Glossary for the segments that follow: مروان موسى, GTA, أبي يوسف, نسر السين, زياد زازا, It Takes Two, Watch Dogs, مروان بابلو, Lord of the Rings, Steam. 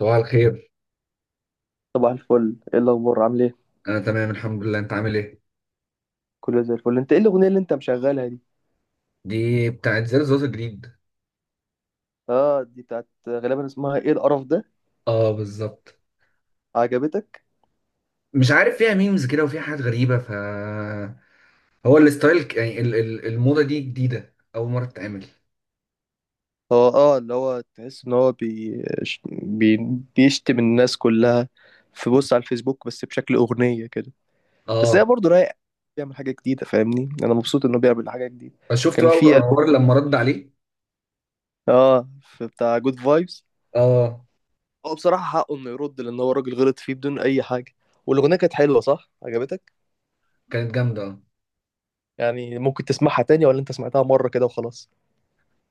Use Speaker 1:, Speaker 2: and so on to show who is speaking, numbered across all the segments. Speaker 1: صباح الخير.
Speaker 2: صباح الفل. ايه الاخبار؟ عامل ايه؟
Speaker 1: انا تمام الحمد لله، انت عامل ايه؟
Speaker 2: كله زي الفل. انت ايه الاغنيه اللي انت مشغلها دي؟
Speaker 1: دي بتاعت زر زوز جديد.
Speaker 2: اه، دي بتاعت غالبا اسمها ايه؟ القرف ده.
Speaker 1: اه بالظبط.
Speaker 2: عجبتك؟
Speaker 1: مش عارف، فيها ميمز كده وفيها حاجات غريبه. هو الستايل، الموضه دي جديده، اول مره تتعمل.
Speaker 2: هو اللي هو تحس ان هو بي... بيشتم الناس كلها. في بص على الفيسبوك بس بشكل اغنيه كده. بس هي
Speaker 1: اه،
Speaker 2: برضه رايق. بيعمل حاجه جديده، فاهمني، انا مبسوط انه بيعمل حاجه جديده.
Speaker 1: فشفت
Speaker 2: كان
Speaker 1: بقى
Speaker 2: في ألبوم،
Speaker 1: عمر لما رد عليه.
Speaker 2: اه في بتاع جود فايبس.
Speaker 1: اه
Speaker 2: هو بصراحه حقه انه يرد لان هو راجل غلط فيه بدون اي حاجه. والاغنيه كانت حلوه، صح؟ عجبتك؟
Speaker 1: كانت جامده، اه.
Speaker 2: يعني ممكن تسمعها تاني ولا انت سمعتها مرة كده وخلاص؟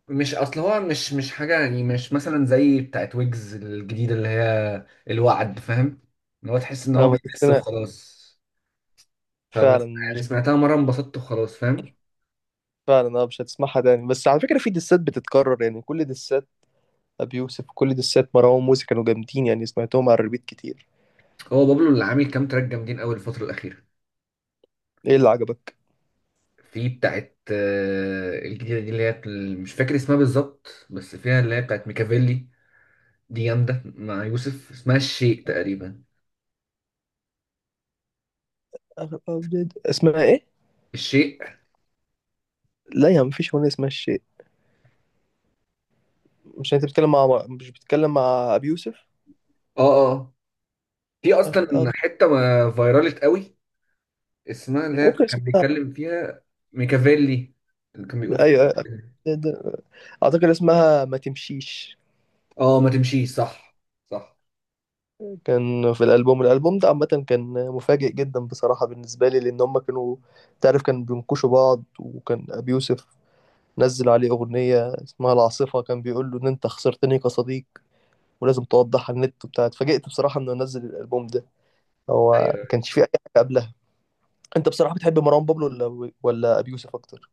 Speaker 1: مش، اصل هو مش حاجه، يعني مش مثلا زي بتاعت ويجز الجديده اللي هي الوعد، فاهم؟ ان هو تحس ان
Speaker 2: اه،
Speaker 1: هو
Speaker 2: ما
Speaker 1: بيحس
Speaker 2: تتسمع.
Speaker 1: وخلاص.
Speaker 2: فعلا
Speaker 1: فمثلا يعني
Speaker 2: مش.
Speaker 1: سمعتها مره انبسطت وخلاص، فاهم.
Speaker 2: فعلا اه مش هتسمعها تاني، بس على فكرة في دسات بتتكرر، يعني كل دسات أبي يوسف وكل دسات مروان موسى كانوا جامدين، يعني سمعتهم على الريبيت كتير.
Speaker 1: هو بابلو اللي عامل كام تراك جامدين قوي الفترة الأخيرة.
Speaker 2: ايه اللي عجبك؟
Speaker 1: في بتاعت الجديدة دي اللي هي، مش فاكر اسمها بالظبط، بس فيها اللي هي بتاعت ميكافيلي. دي جامدة مع يوسف، اسمها الشيء تقريبا.
Speaker 2: أغلب أبيض. اسمها ايه؟
Speaker 1: الشيء، اه.
Speaker 2: لا يا عم، مفيش أغنية اسمها الشيء. مش بتتكلم مع أبي يوسف؟
Speaker 1: اه آه. في أصلا
Speaker 2: آخر أب.
Speaker 1: حتة ما فيرالت قوي، اسمها اللي هي
Speaker 2: ممكن
Speaker 1: كان
Speaker 2: اسمها.
Speaker 1: بيتكلم فيها. ميكافيلي. اللي كان بيقول فيها.
Speaker 2: ايوه. أيوة. اعتقد اسمها ما تمشيش.
Speaker 1: اه، ما تمشيش، صح. صح.
Speaker 2: كان في الالبوم ده عامه كان مفاجئ جدا بصراحه بالنسبه لي، لان هم كانوا، تعرف، كانوا بينكشوا بعض، وكان ابي يوسف نزل عليه اغنيه اسمها العاصفه كان بيقول له ان انت خسرتني كصديق ولازم توضح على النت وبتاع. اتفاجئت بصراحه انه نزل الالبوم ده. هو
Speaker 1: ايوه.
Speaker 2: ما كانش فيه اي حاجه قبلها. انت بصراحه بتحب مروان بابلو ولا ابي يوسف اكتر؟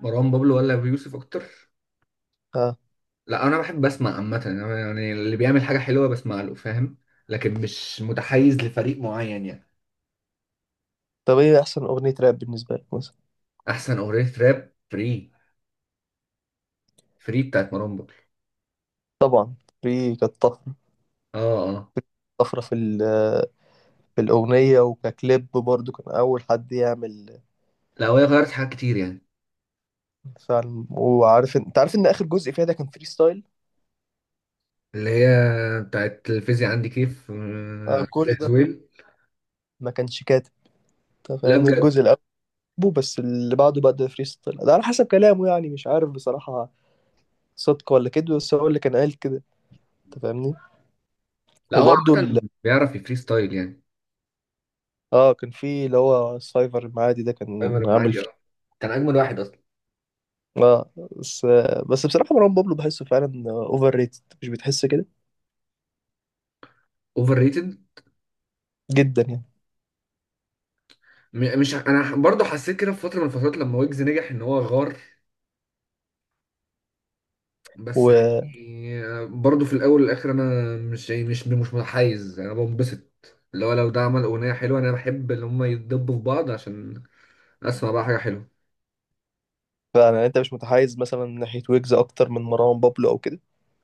Speaker 1: مروان بابلو ولا أبو يوسف أكتر؟
Speaker 2: ها.
Speaker 1: لا، انا بحب اسمع عامه، أنا يعني اللي بيعمل حاجه حلوه بسمع له، فاهم. لكن مش متحيز لفريق معين يعني.
Speaker 2: طب ايه احسن اغنيه راب بالنسبه لك مثلا؟
Speaker 1: احسن اغنيه راب، فري. فري بتاعت مروان بابلو.
Speaker 2: طبعا. في كانت طفره.
Speaker 1: اه، اه.
Speaker 2: طفره في الاغنيه وككليب برضو، كان اول حد يعمل.
Speaker 1: لا وهي غيرت حاجات كتير يعني.
Speaker 2: فعلا، وعارف انت عارف ان اخر جزء فيها ده كان فري ستايل.
Speaker 1: اللي هي بتاعت الفيزياء عندي كيف،
Speaker 2: آه،
Speaker 1: عامل
Speaker 2: كل
Speaker 1: زي
Speaker 2: ده
Speaker 1: زويل.
Speaker 2: ما كانش كاتب، انت
Speaker 1: لا
Speaker 2: فاهمني،
Speaker 1: بجد.
Speaker 2: الجزء الاول. بس اللي بعده بقى ده فري ستايل، ده على حسب كلامه، يعني مش عارف بصراحة صدق ولا كده، بس هو اللي كان قال كده، انت فاهمني.
Speaker 1: لا هو
Speaker 2: وبرضه ال...
Speaker 1: عامه بيعرف يفري ستايل يعني.
Speaker 2: اه، كان في اللي هو السايفر المعادي ده،
Speaker 1: عمر
Speaker 2: كان عامل
Speaker 1: المعادي،
Speaker 2: فري.
Speaker 1: اه، كان اجمل واحد اصلا.
Speaker 2: اه. بس بس بصراحة مروان بابلو بحسه فعلا اوفر ريتد، مش بتحس كده؟
Speaker 1: اوفر ريتد.
Speaker 2: جدا يعني.
Speaker 1: مش، انا برضه حسيت كده في فتره من الفترات لما ويجز نجح ان هو غار. بس.
Speaker 2: وفعلا.
Speaker 1: يعني برضه في الاول والاخر انا مش، يعني مش متحيز، انا بنبسط اللي هو لو ده عمل اغنيه حلوه، انا بحب ان هم يتدبوا في بعض عشان اسمع بقى حاجه حلوه.
Speaker 2: يعني انت مش متحيز مثلا من ناحية ويجز اكتر من مروان بابلو او كده؟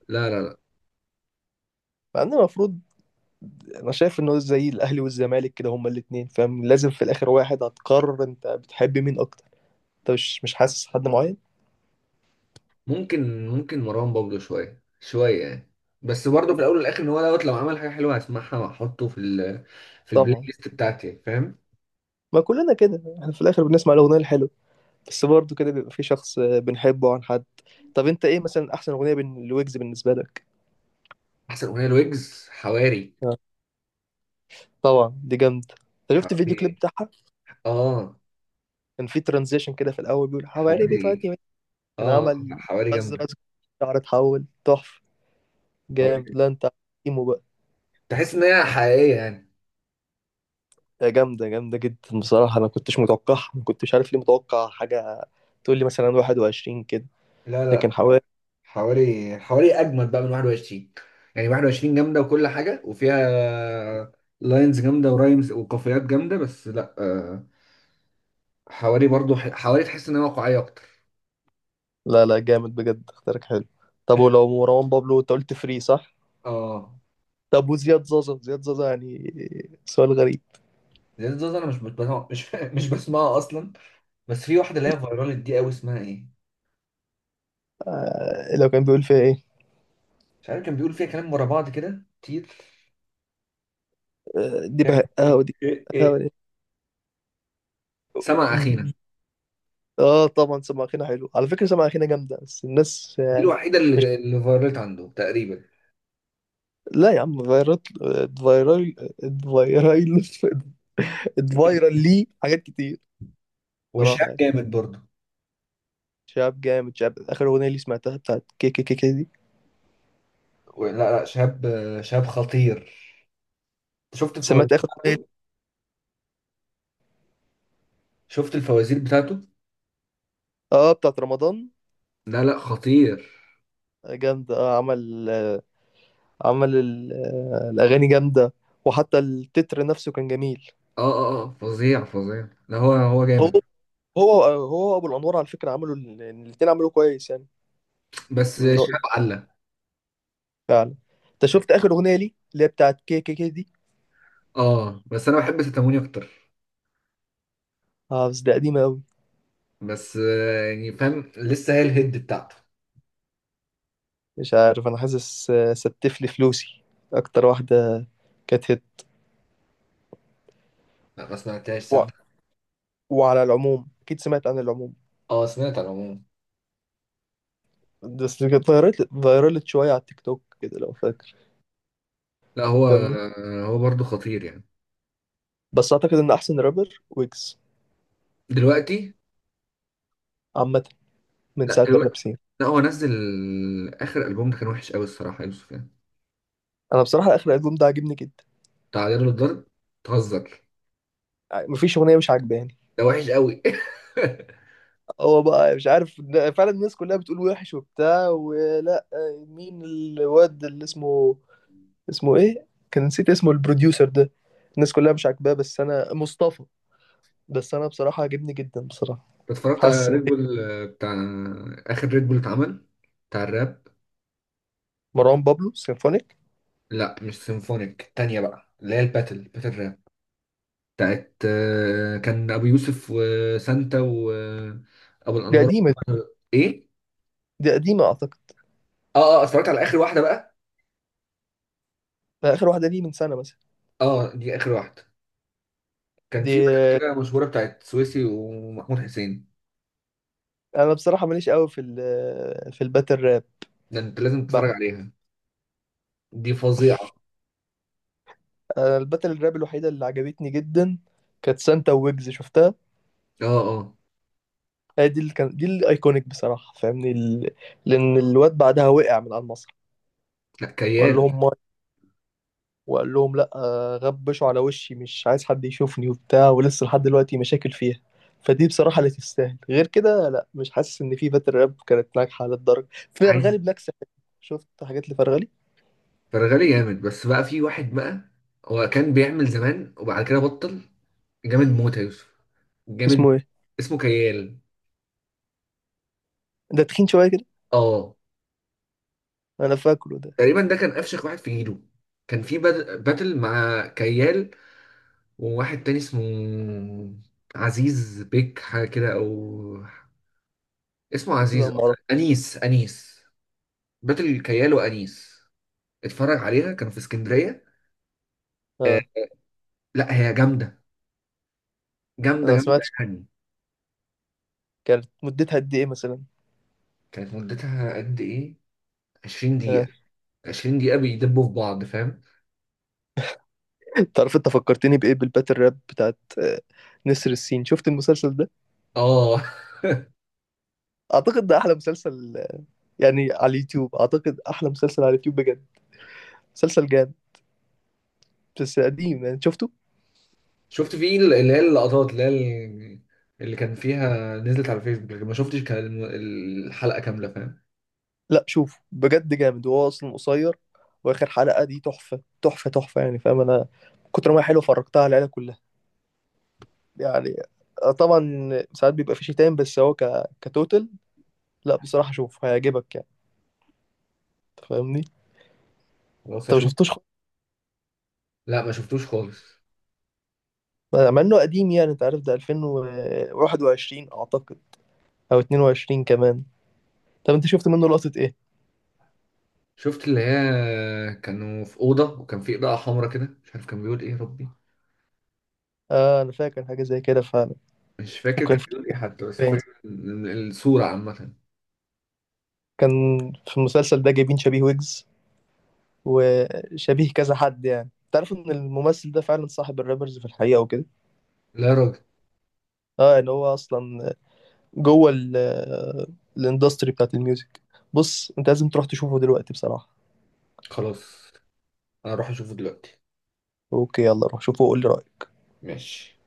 Speaker 1: لا لا لا.
Speaker 2: مع ان المفروض، انا شايف انه زي الاهلي والزمالك كده، هما الاثنين، فاهم، لازم في الاخر واحد هتقرر انت بتحب مين اكتر. انت مش حاسس حد معين؟
Speaker 1: ممكن مروان بابلو شويه شويه يعني. بس برضه في الاول والاخر ان هو دوت، لو عمل حاجه حلوه هسمعها واحطه في ال في البلاي
Speaker 2: طبعا.
Speaker 1: ليست بتاعتي، فاهم.
Speaker 2: ما كلنا كده، احنا في الاخر بنسمع الاغنيه الحلوه، بس برضه كده بيبقى في شخص بنحبه عن حد. طب انت ايه مثلا احسن اغنيه بين لويجز بالنسبه لك؟
Speaker 1: احسن اغنيه لويجز، حواري.
Speaker 2: آه، طبعا دي جامده. انت شفت الفيديو
Speaker 1: حواري،
Speaker 2: كليب بتاعها؟
Speaker 1: اه.
Speaker 2: كان في ترانزيشن كده في الاول بيقول حواري
Speaker 1: حواري،
Speaker 2: بتودي وين؟ كان
Speaker 1: اه.
Speaker 2: عمل
Speaker 1: حواري
Speaker 2: رز
Speaker 1: جامده.
Speaker 2: رز، شعر اتحول تحفه.
Speaker 1: حواري
Speaker 2: جامد،
Speaker 1: جامده،
Speaker 2: لا انت عارف.
Speaker 1: تحس ان هي حقيقيه يعني.
Speaker 2: ده جامدة جامدة جدا بصراحة، أنا ما كنتش متوقعها، ما كنتش عارف ليه متوقع حاجة تقول لي مثلا 21 كده،
Speaker 1: لا
Speaker 2: لكن
Speaker 1: لا،
Speaker 2: حوالي.
Speaker 1: حوالي اجمد بقى من 21. يعني 21 جامده وكل حاجه، وفيها لاينز جامده ورايمز وقافيات جامده، بس لا، حوالي برضو، حوالي تحس ان هي واقعيه اكتر.
Speaker 2: لا لا، جامد بجد، اختيارك حلو. طب ولو مروان بابلو أنت قلت فري صح؟
Speaker 1: اه.
Speaker 2: طب وزياد زازا، زياد زازا يعني، سؤال غريب.
Speaker 1: زياد زوزو، انا مش بسمع، مش مش بسمعها اصلا. بس في واحده اللي هي فايرال دي قوي، اسمها ايه؟
Speaker 2: آه، لو كان بيقول فيها إيه؟
Speaker 1: مش عارف، كان بيقول فيها كلام ورا بعض كده كتير.
Speaker 2: آه، دي
Speaker 1: فيها كان
Speaker 2: بهقها
Speaker 1: ايه
Speaker 2: ودي.
Speaker 1: ايه
Speaker 2: بهقها
Speaker 1: ايه.
Speaker 2: ودي.
Speaker 1: سمع اخينا.
Speaker 2: آه طبعا، سماخينا حلو، على فكرة سماخينا جامدة، بس الناس
Speaker 1: دي الوحيده
Speaker 2: مش.
Speaker 1: اللي فايرالت عنده تقريبا.
Speaker 2: لا يا عم، فيرال. فيرال. فيرال. فيرال لي حاجات كتير. صراحة
Speaker 1: وشاب
Speaker 2: يعني.
Speaker 1: جامد برضو.
Speaker 2: شاب جامد، شاب اخر اغنيه لي سمعتها بتاعت كي كي كي كي دي.
Speaker 1: لا لا، شاب، شاب خطير. شفت الفوازير
Speaker 2: سمعت اخر اغنيه؟
Speaker 1: بتاعته؟ شفت الفوازير بتاعته.
Speaker 2: اه، بتاعت رمضان.
Speaker 1: لا لا، خطير.
Speaker 2: جامده، عمل عمل الاغاني جامده، وحتى التتر نفسه كان جميل.
Speaker 1: اه اه اه، فظيع فظيع. لا هو
Speaker 2: هو.
Speaker 1: جامد.
Speaker 2: هو ابو الانوار، على فكره عملوا ال- يعني الاتنين عملوا كويس يعني.
Speaker 1: بس
Speaker 2: من رايي.
Speaker 1: شاب عله.
Speaker 2: فعلا. انت شفت اخر اغنيه لي اللي هي بتاعت كي كي كي دي؟
Speaker 1: اه. بس انا بحب ستاموني اكتر.
Speaker 2: اه، بس ده قديمه قوي.
Speaker 1: بس، يعني فاهم، لسه هي الهيد بتاعته.
Speaker 2: مش عارف، انا حاسس ستف لي فلوسي اكتر واحده كانت هيت.
Speaker 1: لا ما سمعتهاش،
Speaker 2: و...
Speaker 1: صدق.
Speaker 2: وعلى العموم، اكيد سمعت عن العموم،
Speaker 1: اه سمعت على العموم.
Speaker 2: بس كانت فايرالت شوية على التيك توك كده، لو فاكر.
Speaker 1: لا هو،
Speaker 2: فاهمني.
Speaker 1: هو برضه خطير يعني.
Speaker 2: بس أعتقد إن أحسن رابر ويجز،
Speaker 1: دلوقتي.
Speaker 2: عامة، من
Speaker 1: لا
Speaker 2: ساعة
Speaker 1: دلوقتي.
Speaker 2: الراب سين.
Speaker 1: لا هو نزل اخر البوم، ده كان وحش قوي الصراحه يا يوسف يعني.
Speaker 2: أنا بصراحة آخر ألبوم ده عاجبني جدا،
Speaker 1: تعالى له الضرب. تهزر.
Speaker 2: يعني مفيش أغنية مش عاجباني.
Speaker 1: ده وحش قوي.
Speaker 2: هو بقى مش عارف، فعلا الناس كلها بتقول وحش وبتاع ولا. مين الواد اللي اسمه، اسمه إيه؟ كان نسيت اسمه البروديوسر ده، الناس كلها مش عاجباه بس أنا مصطفى، بس أنا بصراحة عاجبني جدا بصراحة.
Speaker 1: اتفرجت على
Speaker 2: حاسس إن
Speaker 1: ريد بول، بتاع اخر ريد بول اتعمل بتاع الراب.
Speaker 2: مروان بابلو سيمفونيك.
Speaker 1: لا مش سيمفونيك، التانية بقى اللي هي الباتل باتل راب بتاعت، كان ابو يوسف وسانتا وابو
Speaker 2: دي
Speaker 1: الانوار.
Speaker 2: قديمة.
Speaker 1: ايه.
Speaker 2: دي قديمة أعتقد.
Speaker 1: اه اه، اتفرجت على اخر واحدة بقى.
Speaker 2: آخر واحدة ليه، من سنة مثلا؟
Speaker 1: اه دي اخر واحدة. كان
Speaker 2: دي
Speaker 1: في بقى كده مشهورة بتاعت سويسي ومحمود حسين.
Speaker 2: انا بصراحه ماليش قوي في الباتل راب
Speaker 1: ده انت لازم
Speaker 2: بقى.
Speaker 1: تتفرج عليها، دي فظيعة.
Speaker 2: انا الباتل الراب الوحيده اللي عجبتني جدا كانت سانتا ويجز، شفتها؟
Speaker 1: اه، اه.
Speaker 2: هي دي اللي كان، دي الايكونيك بصراحه، فاهمني ال... لان الواد بعدها وقع من على المسرح،
Speaker 1: لا،
Speaker 2: وقال
Speaker 1: كيال.
Speaker 2: لهم ماي، وقال لهم لا، غبشوا على وشي، مش عايز حد يشوفني وبتاع، ولسه لحد دلوقتي مشاكل فيها. فدي بصراحه اللي تستاهل، غير كده لا، مش حاسس ان في باتل راب كانت ناجحه للدرجه. فرغلي
Speaker 1: عايز.
Speaker 2: بلاك ساباث، شفت حاجات لفرغلي.
Speaker 1: فرغلي جامد، بس بقى في واحد بقى، هو كان بيعمل زمان وبعد كده بطل. جامد موت يا يوسف، جامد.
Speaker 2: اسمه ايه؟
Speaker 1: اسمه كيال.
Speaker 2: ده تخين شويه كده،
Speaker 1: اه.
Speaker 2: انا فاكره ده.
Speaker 1: تقريبا ده كان افشخ واحد في جيله. كان في باتل مع كيال وواحد تاني اسمه عزيز بيك حاجه كده، او اسمه عزيز
Speaker 2: لا ما اعرف.
Speaker 1: أكتر. انيس، انيس. باتل كيال وانيس. اتفرج عليها، كانوا في اسكندريه. آه.
Speaker 2: اه.
Speaker 1: لا هي جامده،
Speaker 2: انا
Speaker 1: جامده
Speaker 2: ما
Speaker 1: جامده
Speaker 2: سمعتش.
Speaker 1: يعني.
Speaker 2: كانت مدتها قد ايه مثلا؟
Speaker 1: كانت مدتها قد ايه؟ 20
Speaker 2: اه.
Speaker 1: دقيقه. 20 دقيقة بيدبوا في بعض، فاهم.
Speaker 2: تعرف انت فكرتني بايه؟ بالباتل راب بتاعت نسر السين، شفت المسلسل ده؟
Speaker 1: اه.
Speaker 2: اعتقد ده احلى مسلسل، يعني على اليوتيوب، اعتقد احلى مسلسل على اليوتيوب بجد. مسلسل جامد، بس قديم يعني، شفته؟
Speaker 1: شفت في اللي هي اللقطات، اللي هي اللي كان فيها، نزلت على فيسبوك لكن ما شفتش كان الحلقة كاملة، فاهم.
Speaker 2: لا شوفه، بجد جامد، وهو اصلا قصير. واخر حلقة دي تحفة تحفة تحفة يعني، فاهم؟ انا من كتر ما هي حلوه فرجتها على العيلة كلها يعني. طبعا ساعات بيبقى في شتايم، بس هو كتوتل. لا بصراحة شوف هيعجبك يعني، أنت فاهمني.
Speaker 1: خلاص
Speaker 2: انت ما
Speaker 1: اشوف.
Speaker 2: شفتوش؟
Speaker 1: لا ما شفتوش خالص.
Speaker 2: مع انه قديم يعني، انت عارف ده 2021 اعتقد، او 22 كمان. طب انت شفت منه لقطة ايه؟
Speaker 1: شفت اللي هي كانوا في أوضة وكان في إضاءة حمراء كده، مش عارف كان بيقول إيه يا ربي،
Speaker 2: اه انا فاكر حاجة زي كده فعلا.
Speaker 1: مش فاكر كان
Speaker 2: وكان في
Speaker 1: بيقول إيه حتى، بس فاكر الصورة عامة.
Speaker 2: كان في المسلسل ده جايبين شبيه ويجز وشبيه كذا حد، يعني تعرف ان الممثل ده فعلا صاحب الرابرز في الحقيقة وكده.
Speaker 1: لا يا راجل.
Speaker 2: اه، ان هو اصلا جوه الاندستري بتاعت الميوزك. بص، انت لازم تروح تشوفه دلوقتي بصراحة.
Speaker 1: خلاص أنا أروح أشوفه دلوقتي.
Speaker 2: اوكي، يلا روح شوفه وقول لي رأيك.
Speaker 1: ماشي.